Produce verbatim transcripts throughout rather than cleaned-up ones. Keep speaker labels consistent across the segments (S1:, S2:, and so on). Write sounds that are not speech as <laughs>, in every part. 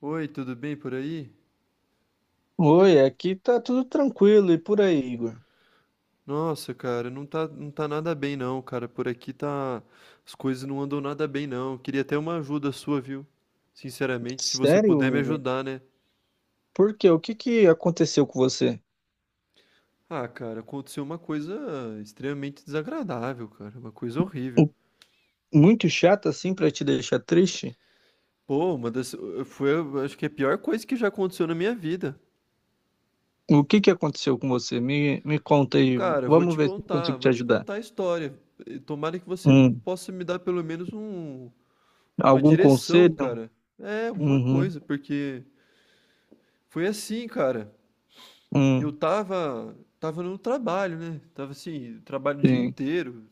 S1: Oi, tudo bem por aí?
S2: Oi, aqui tá tudo tranquilo e por aí, Igor?
S1: Nossa, cara, não tá, não tá nada bem não, cara. Por aqui tá. As coisas não andam nada bem não. Queria até uma ajuda sua, viu? Sinceramente, se você puder
S2: Sério,
S1: me
S2: Igor?
S1: ajudar, né?
S2: Por quê? O que que aconteceu com você?
S1: Ah, cara, aconteceu uma coisa extremamente desagradável, cara. Uma coisa horrível.
S2: O- Muito chato assim pra te deixar triste?
S1: Pô, uma das. Eh, Foi, eu acho que é a pior coisa que já aconteceu na minha vida.
S2: O que que aconteceu com você? Me, me conta aí.
S1: Cara, eu vou
S2: Vamos
S1: te
S2: ver se eu
S1: contar,
S2: consigo te
S1: vou te
S2: ajudar.
S1: contar a história. Eh, Tomara que você
S2: Hum,
S1: possa me dar pelo menos um, uma
S2: algum
S1: direção,
S2: conselho?
S1: cara. É, alguma
S2: Uhum,
S1: coisa, porque. Foi assim, cara. Eu
S2: hum,
S1: tava, tava no trabalho, né? Tava assim, trabalho o dia
S2: sim.
S1: inteiro.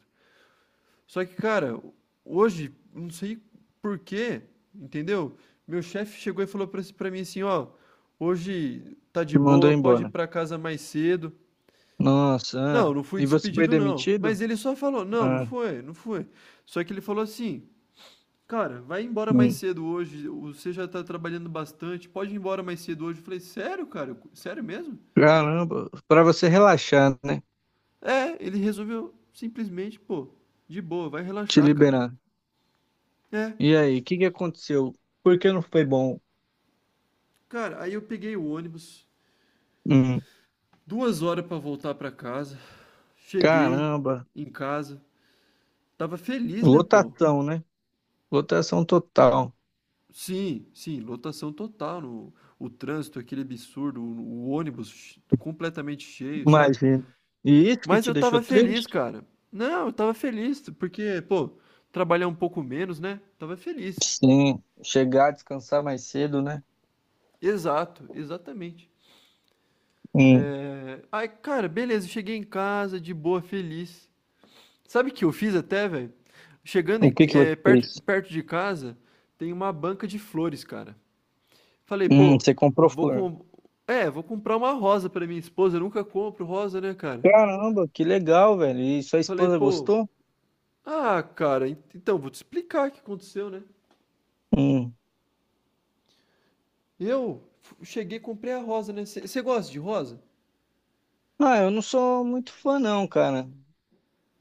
S1: Só que, cara, hoje, não sei por quê, entendeu? Meu chefe chegou e falou pra, pra mim assim, ó, hoje tá de
S2: Te mandou
S1: boa, pode ir
S2: embora.
S1: pra casa mais cedo.
S2: Nossa,
S1: Não,
S2: ah.
S1: não fui
S2: E você foi
S1: despedido não.
S2: demitido?
S1: Mas ele só falou, não, não
S2: Ah,
S1: foi, não foi. Só que ele falou assim, cara, vai embora mais
S2: hum.
S1: cedo hoje, você já tá trabalhando bastante, pode ir embora mais cedo hoje. Eu falei, sério, cara? Sério mesmo?
S2: Caramba, pra você relaxar, né?
S1: É, ele resolveu simplesmente, pô, de boa, vai
S2: Te
S1: relaxar, cara.
S2: liberar.
S1: É,
S2: E aí, o que que aconteceu? Por que não foi bom?
S1: cara, aí eu peguei o ônibus, duas horas pra voltar pra casa, cheguei
S2: Caramba,
S1: em casa, tava feliz, né, pô?
S2: lotação, né? Lotação total,
S1: Sim, sim, lotação total, no, o trânsito, aquele absurdo, o, o ônibus ch- completamente cheio, sabe?
S2: imagina. E isso que
S1: Mas
S2: te
S1: eu
S2: deixou
S1: tava feliz,
S2: triste?
S1: cara. Não, eu tava feliz, porque, pô, trabalhar um pouco menos, né? Tava feliz.
S2: Sim, chegar, descansar mais cedo, né?
S1: Exato, exatamente.
S2: Hum,
S1: É... Aí, cara, beleza, cheguei em casa, de boa, feliz. Sabe o que eu fiz até, velho? Chegando
S2: o
S1: em-
S2: que que você
S1: é, perto,
S2: fez?
S1: perto de casa, tem uma banca de flores, cara. Falei,
S2: Hum,
S1: pô,
S2: você comprou
S1: vou
S2: flor.
S1: com... É, vou comprar uma rosa pra minha esposa, eu nunca compro rosa, né, cara?
S2: Caramba, que legal, velho. E sua
S1: Falei,
S2: esposa
S1: pô,
S2: gostou?
S1: ah, cara, en- então, vou te explicar o que aconteceu, né?
S2: Hum.
S1: Eu f- cheguei e comprei a rosa, né? Você gosta de rosa?
S2: Ah, eu não sou muito fã não, cara.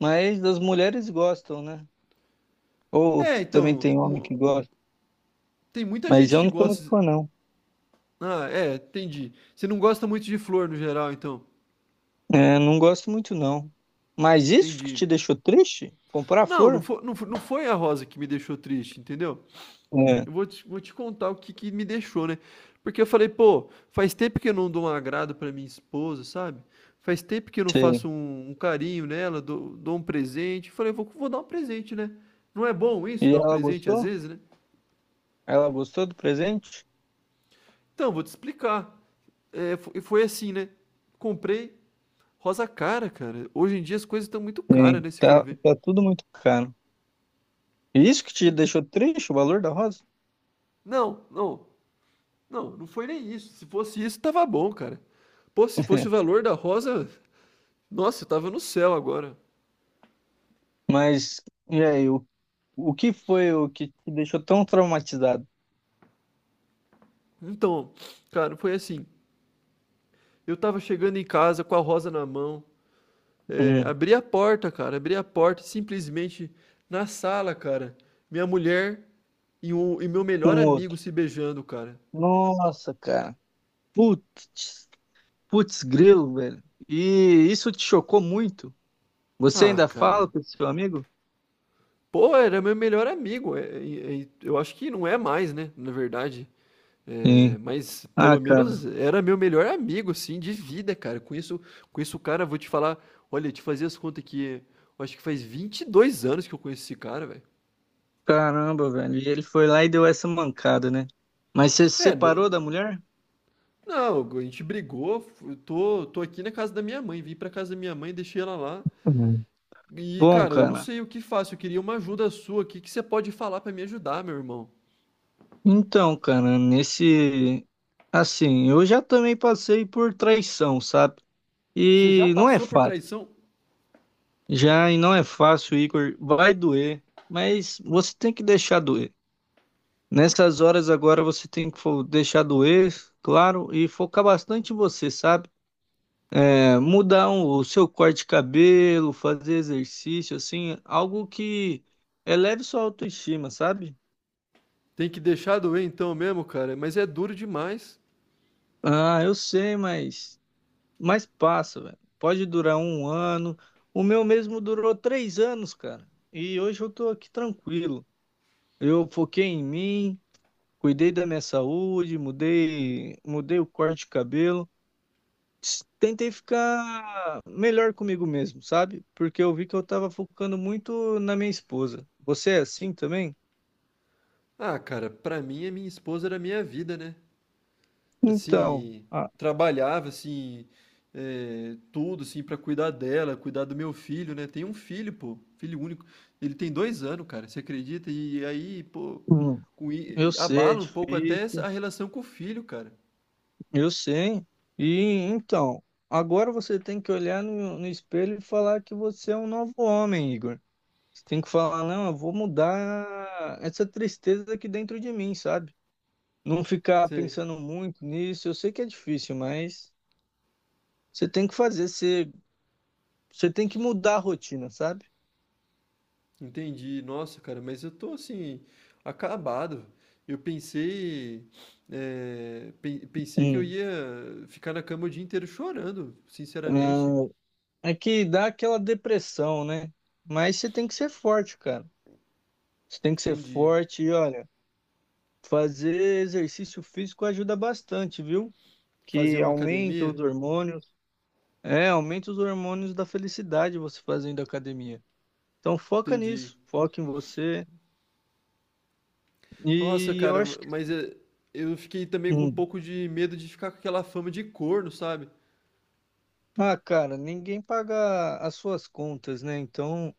S2: Mas as mulheres gostam, né? Ou
S1: É,
S2: também
S1: então,
S2: tem homem que
S1: mu-
S2: gosta.
S1: tem muita
S2: Mas
S1: gente
S2: eu
S1: que
S2: não sou muito
S1: gosta.
S2: fã não.
S1: Ah, é, entendi. Você não gosta muito de flor no geral, então.
S2: É, não gosto muito não. Mas isso que
S1: Entendi.
S2: te deixou triste? Comprar
S1: Não, não
S2: flor?
S1: foi, não fo- não foi a rosa que me deixou triste, entendeu?
S2: É.
S1: Eu vou te, vou te contar o que, que me deixou, né? Porque eu falei, pô, faz tempo que eu não dou um agrado pra minha esposa, sabe? Faz tempo que eu não
S2: Sim.
S1: faço um, um carinho nela, dou, dou um presente. Falei, vou, vou dar um presente, né? Não é bom isso,
S2: E
S1: dar um
S2: ela
S1: presente às
S2: gostou?
S1: vezes, né?
S2: Ela gostou do presente?
S1: Então, vou te explicar. É, fo- e foi assim, né? Comprei rosa cara, cara. Hoje em dia as coisas estão muito caras,
S2: Sim.
S1: né? Se for
S2: Tá,
S1: ver.
S2: tá tudo muito caro. E isso que te deixou triste, o valor da rosa?
S1: Não, não, não, não foi nem isso. Se fosse isso, tava bom, cara. Pô, se fosse
S2: <laughs>
S1: o valor da rosa, nossa, eu tava no céu agora.
S2: Mas, e aí, o, o que foi o que te deixou tão traumatizado
S1: Então, cara, foi assim. Eu tava chegando em casa com a rosa na mão. É,
S2: um
S1: abri a porta, cara, abri a porta simplesmente na sala, cara. Minha mulher e, o, e meu
S2: com
S1: melhor
S2: o outro?
S1: amigo se beijando, cara.
S2: Nossa, cara. Putz, putz grilo, velho. E isso te chocou muito? Você
S1: Ah,
S2: ainda
S1: cara.
S2: fala com esse seu amigo?
S1: Pô, era meu melhor amigo. É- é- é- eu acho que não é mais, né? Na verdade. É,
S2: Sim.
S1: mas
S2: Ah,
S1: pelo
S2: cara.
S1: menos era meu melhor amigo, assim, de vida, cara. Com isso, com isso, cara, vou te falar. Olha, te fazer as contas aqui, eu acho que faz vinte e dois anos que eu conheço esse cara, velho.
S2: Caramba, velho. E ele foi lá e deu essa mancada, né? Mas você se
S1: É, não,
S2: separou da mulher?
S1: não, a gente brigou. eu Tô, tô aqui na casa da minha mãe. Vim pra casa da minha mãe, deixei ela lá.
S2: Uhum.
S1: E,
S2: Bom,
S1: cara, eu não
S2: cara.
S1: sei o que faço. Eu queria uma ajuda sua. O que que você pode falar pra me ajudar, meu irmão?
S2: Então, cara, nesse. Assim, eu já também passei por traição, sabe?
S1: Você já
S2: E não é
S1: passou por
S2: fácil.
S1: traição?
S2: Já e não é fácil, Igor. Vai doer, mas você tem que deixar doer. Nessas horas agora você tem que fo- deixar doer, claro, e focar bastante em você, sabe? É, mudar um- o seu corte de cabelo, fazer exercício, assim, algo que eleve sua autoestima, sabe?
S1: Tem que deixar doer então mesmo, cara. Mas é duro demais.
S2: Ah, eu sei, mas. Mas passa, velho. Pode durar um ano. O meu mesmo durou três anos, cara. E hoje eu tô aqui tranquilo. Eu foquei em mim, cuidei da minha saúde, mudei, mudei o corte de cabelo. S- Tentei ficar melhor comigo mesmo, sabe? Porque eu vi que eu tava focando muito na minha esposa. Você é assim também?
S1: Ah, cara, pra mim, a minha esposa era a minha vida, né?
S2: Então,
S1: Assim,
S2: ah,
S1: trabalhava, assim, é, tudo, assim, pra cuidar dela, cuidar do meu filho, né? Tem um filho, pô, filho único. Ele tem dois anos, cara, você acredita? E aí, pô,
S2: hum,
S1: com
S2: eu
S1: i-
S2: sei, é
S1: abala um pouco até essa- a
S2: difícil.
S1: relação com o filho, cara.
S2: Eu sei. E então, agora você tem que olhar no, no espelho e falar que você é um novo homem, Igor. Você tem que falar, não, eu vou mudar essa tristeza aqui dentro de mim, sabe? Não ficar
S1: Você
S2: pensando muito nisso. Eu sei que é difícil, mas você tem que fazer, você, você tem que mudar a rotina, sabe?
S1: Entendi, nossa, cara, mas eu tô assim, acabado. Eu pensei, é, pen- pensei que eu
S2: Hum.
S1: ia ficar na cama o dia inteiro chorando, sinceramente.
S2: É, é que dá aquela depressão, né? Mas você tem que ser forte, cara. Você tem que ser
S1: Entendi.
S2: forte e olha, fazer exercício físico ajuda bastante, viu?
S1: Fazer
S2: Que
S1: uma
S2: aumenta
S1: academia?
S2: os hormônios. É, aumenta os hormônios da felicidade você fazendo academia. Então foca
S1: Entendi.
S2: nisso, foca em você.
S1: Nossa,
S2: E eu
S1: cara,
S2: acho que.
S1: mas é, eu fiquei também com um
S2: Hum,
S1: pouco de medo de ficar com aquela fama de corno, sabe?
S2: ah, cara, ninguém paga as suas contas, né? Então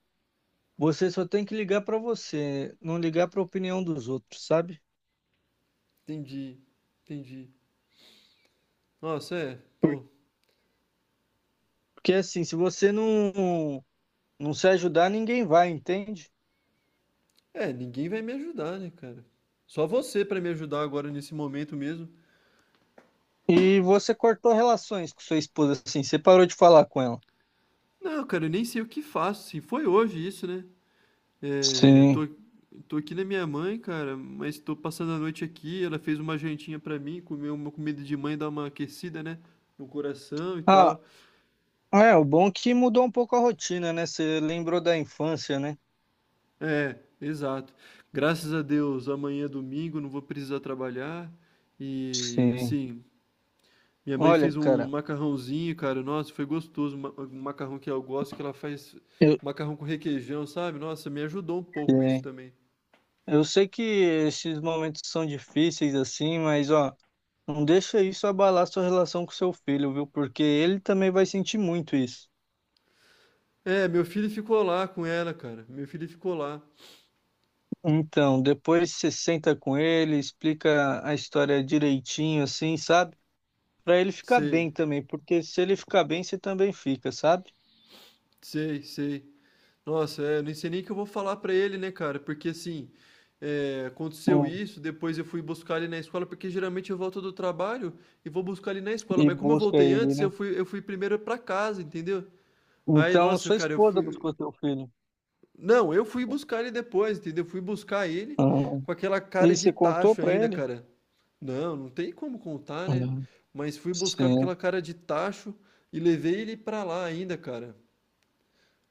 S2: você só tem que ligar pra você, não ligar pra opinião dos outros, sabe?
S1: Entendi, entendi. Nossa, é, pô.
S2: Porque assim, se você não, não se ajudar, ninguém vai, entende?
S1: É, ninguém vai me ajudar, né, cara? Só você pra me ajudar agora nesse momento mesmo.
S2: E você cortou relações com sua esposa, assim, você parou de falar com ela.
S1: Não, cara, eu nem sei o que faço. Se foi hoje isso, né? É, eu
S2: Sim.
S1: tô, tô aqui na minha mãe, cara, mas tô passando a noite aqui. Ela fez uma jantinha pra mim, comeu uma comida de mãe, dá uma aquecida, né? No coração e
S2: Ah,
S1: tal.
S2: é, o bom é que mudou um pouco a rotina, né? Você lembrou da infância, né?
S1: É, exato. Graças a Deus, amanhã é domingo, não vou precisar trabalhar. E
S2: Sim.
S1: assim, minha mãe
S2: Olha,
S1: fez um
S2: cara,
S1: macarrãozinho, cara. Nossa, foi gostoso. ma- Um macarrão que eu gosto, que ela faz
S2: eu,
S1: um macarrão com requeijão, sabe? Nossa, me ajudou um pouco isso
S2: sim.
S1: também.
S2: Eu sei que esses momentos são difíceis, assim, mas, ó, não deixa isso abalar sua relação com seu filho, viu? Porque ele também vai sentir muito isso.
S1: É, meu filho ficou lá com ela, cara. Meu filho ficou lá.
S2: Então, depois você senta com ele, explica a história direitinho, assim, sabe? Pra ele ficar
S1: Sei,
S2: bem também, porque se ele ficar bem, você também fica, sabe?
S1: sei, sei. Nossa, é, eu nem sei nem o que eu vou falar pra ele, né, cara? Porque assim, é, aconteceu
S2: Hum.
S1: isso, depois eu fui buscar ele na escola, porque geralmente eu volto do trabalho e vou buscar ele na escola,
S2: E
S1: mas como eu
S2: busca
S1: voltei
S2: ele,
S1: antes, eu
S2: né?
S1: fui, eu fui primeiro pra casa, entendeu? Aí,
S2: Então,
S1: nossa,
S2: sua
S1: cara, eu
S2: esposa
S1: fui.
S2: buscou seu filho.
S1: Não, eu fui buscar ele depois, entendeu? Eu fui buscar ele
S2: Ah,
S1: com aquela cara
S2: e
S1: de
S2: você contou
S1: tacho
S2: pra
S1: ainda,
S2: ele?
S1: cara. Não, não tem como contar, né?
S2: Hum,
S1: Mas fui buscar com
S2: Sim.
S1: aquela cara de tacho e levei ele pra lá ainda, cara.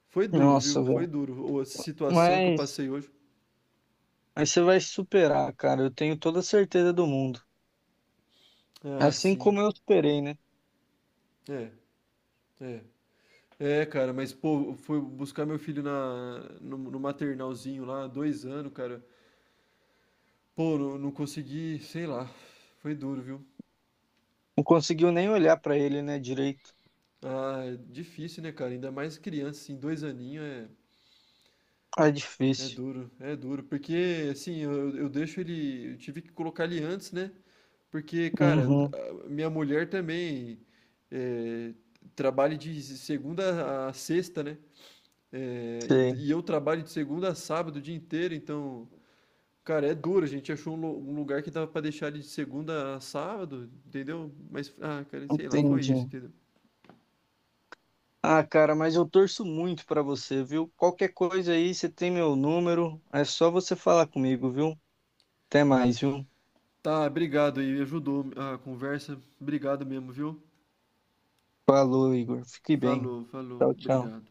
S1: Foi duro, viu?
S2: Nossa,
S1: Foi
S2: velho.
S1: duro a situação que eu
S2: Mas,
S1: passei hoje.
S2: mas você vai superar, cara. Eu tenho toda a certeza do mundo.
S1: Ah,
S2: Assim
S1: sim.
S2: como eu superei, né?
S1: É, é. É, cara, mas, pô, eu fui buscar meu filho na, no, no maternalzinho lá, dois anos, cara. Pô, não, não consegui, sei lá. Foi duro, viu?
S2: Não conseguiu nem olhar pra ele, né, direito.
S1: Ah, é difícil, né, cara? Ainda mais criança, assim, dois aninhos é,
S2: Ah, é
S1: é
S2: difícil.
S1: duro, é duro. Porque, assim, eu, eu deixo ele. Eu tive que colocar ele antes, né? Porque, cara,
S2: Uhum,
S1: a- minha mulher também é, trabalha de segunda a sexta, né? É, e,
S2: sei.
S1: e eu trabalho de segunda a sábado o dia inteiro, então, cara, é duro. A gente achou um, lu- um lugar que dava pra deixar ele de segunda a sábado, entendeu? Mas, ah, cara, sei lá, foi
S2: Entendi.
S1: isso, entendeu?
S2: Ah, cara, mas eu torço muito pra você, viu? Qualquer coisa aí, você tem meu número. É só você falar comigo, viu? Até mais, viu?
S1: Tá, obrigado aí, ajudou a conversa. Obrigado mesmo, viu?
S2: Falou, Igor. Fique bem.
S1: Falou, falou,
S2: Tchau, tchau.
S1: obrigado.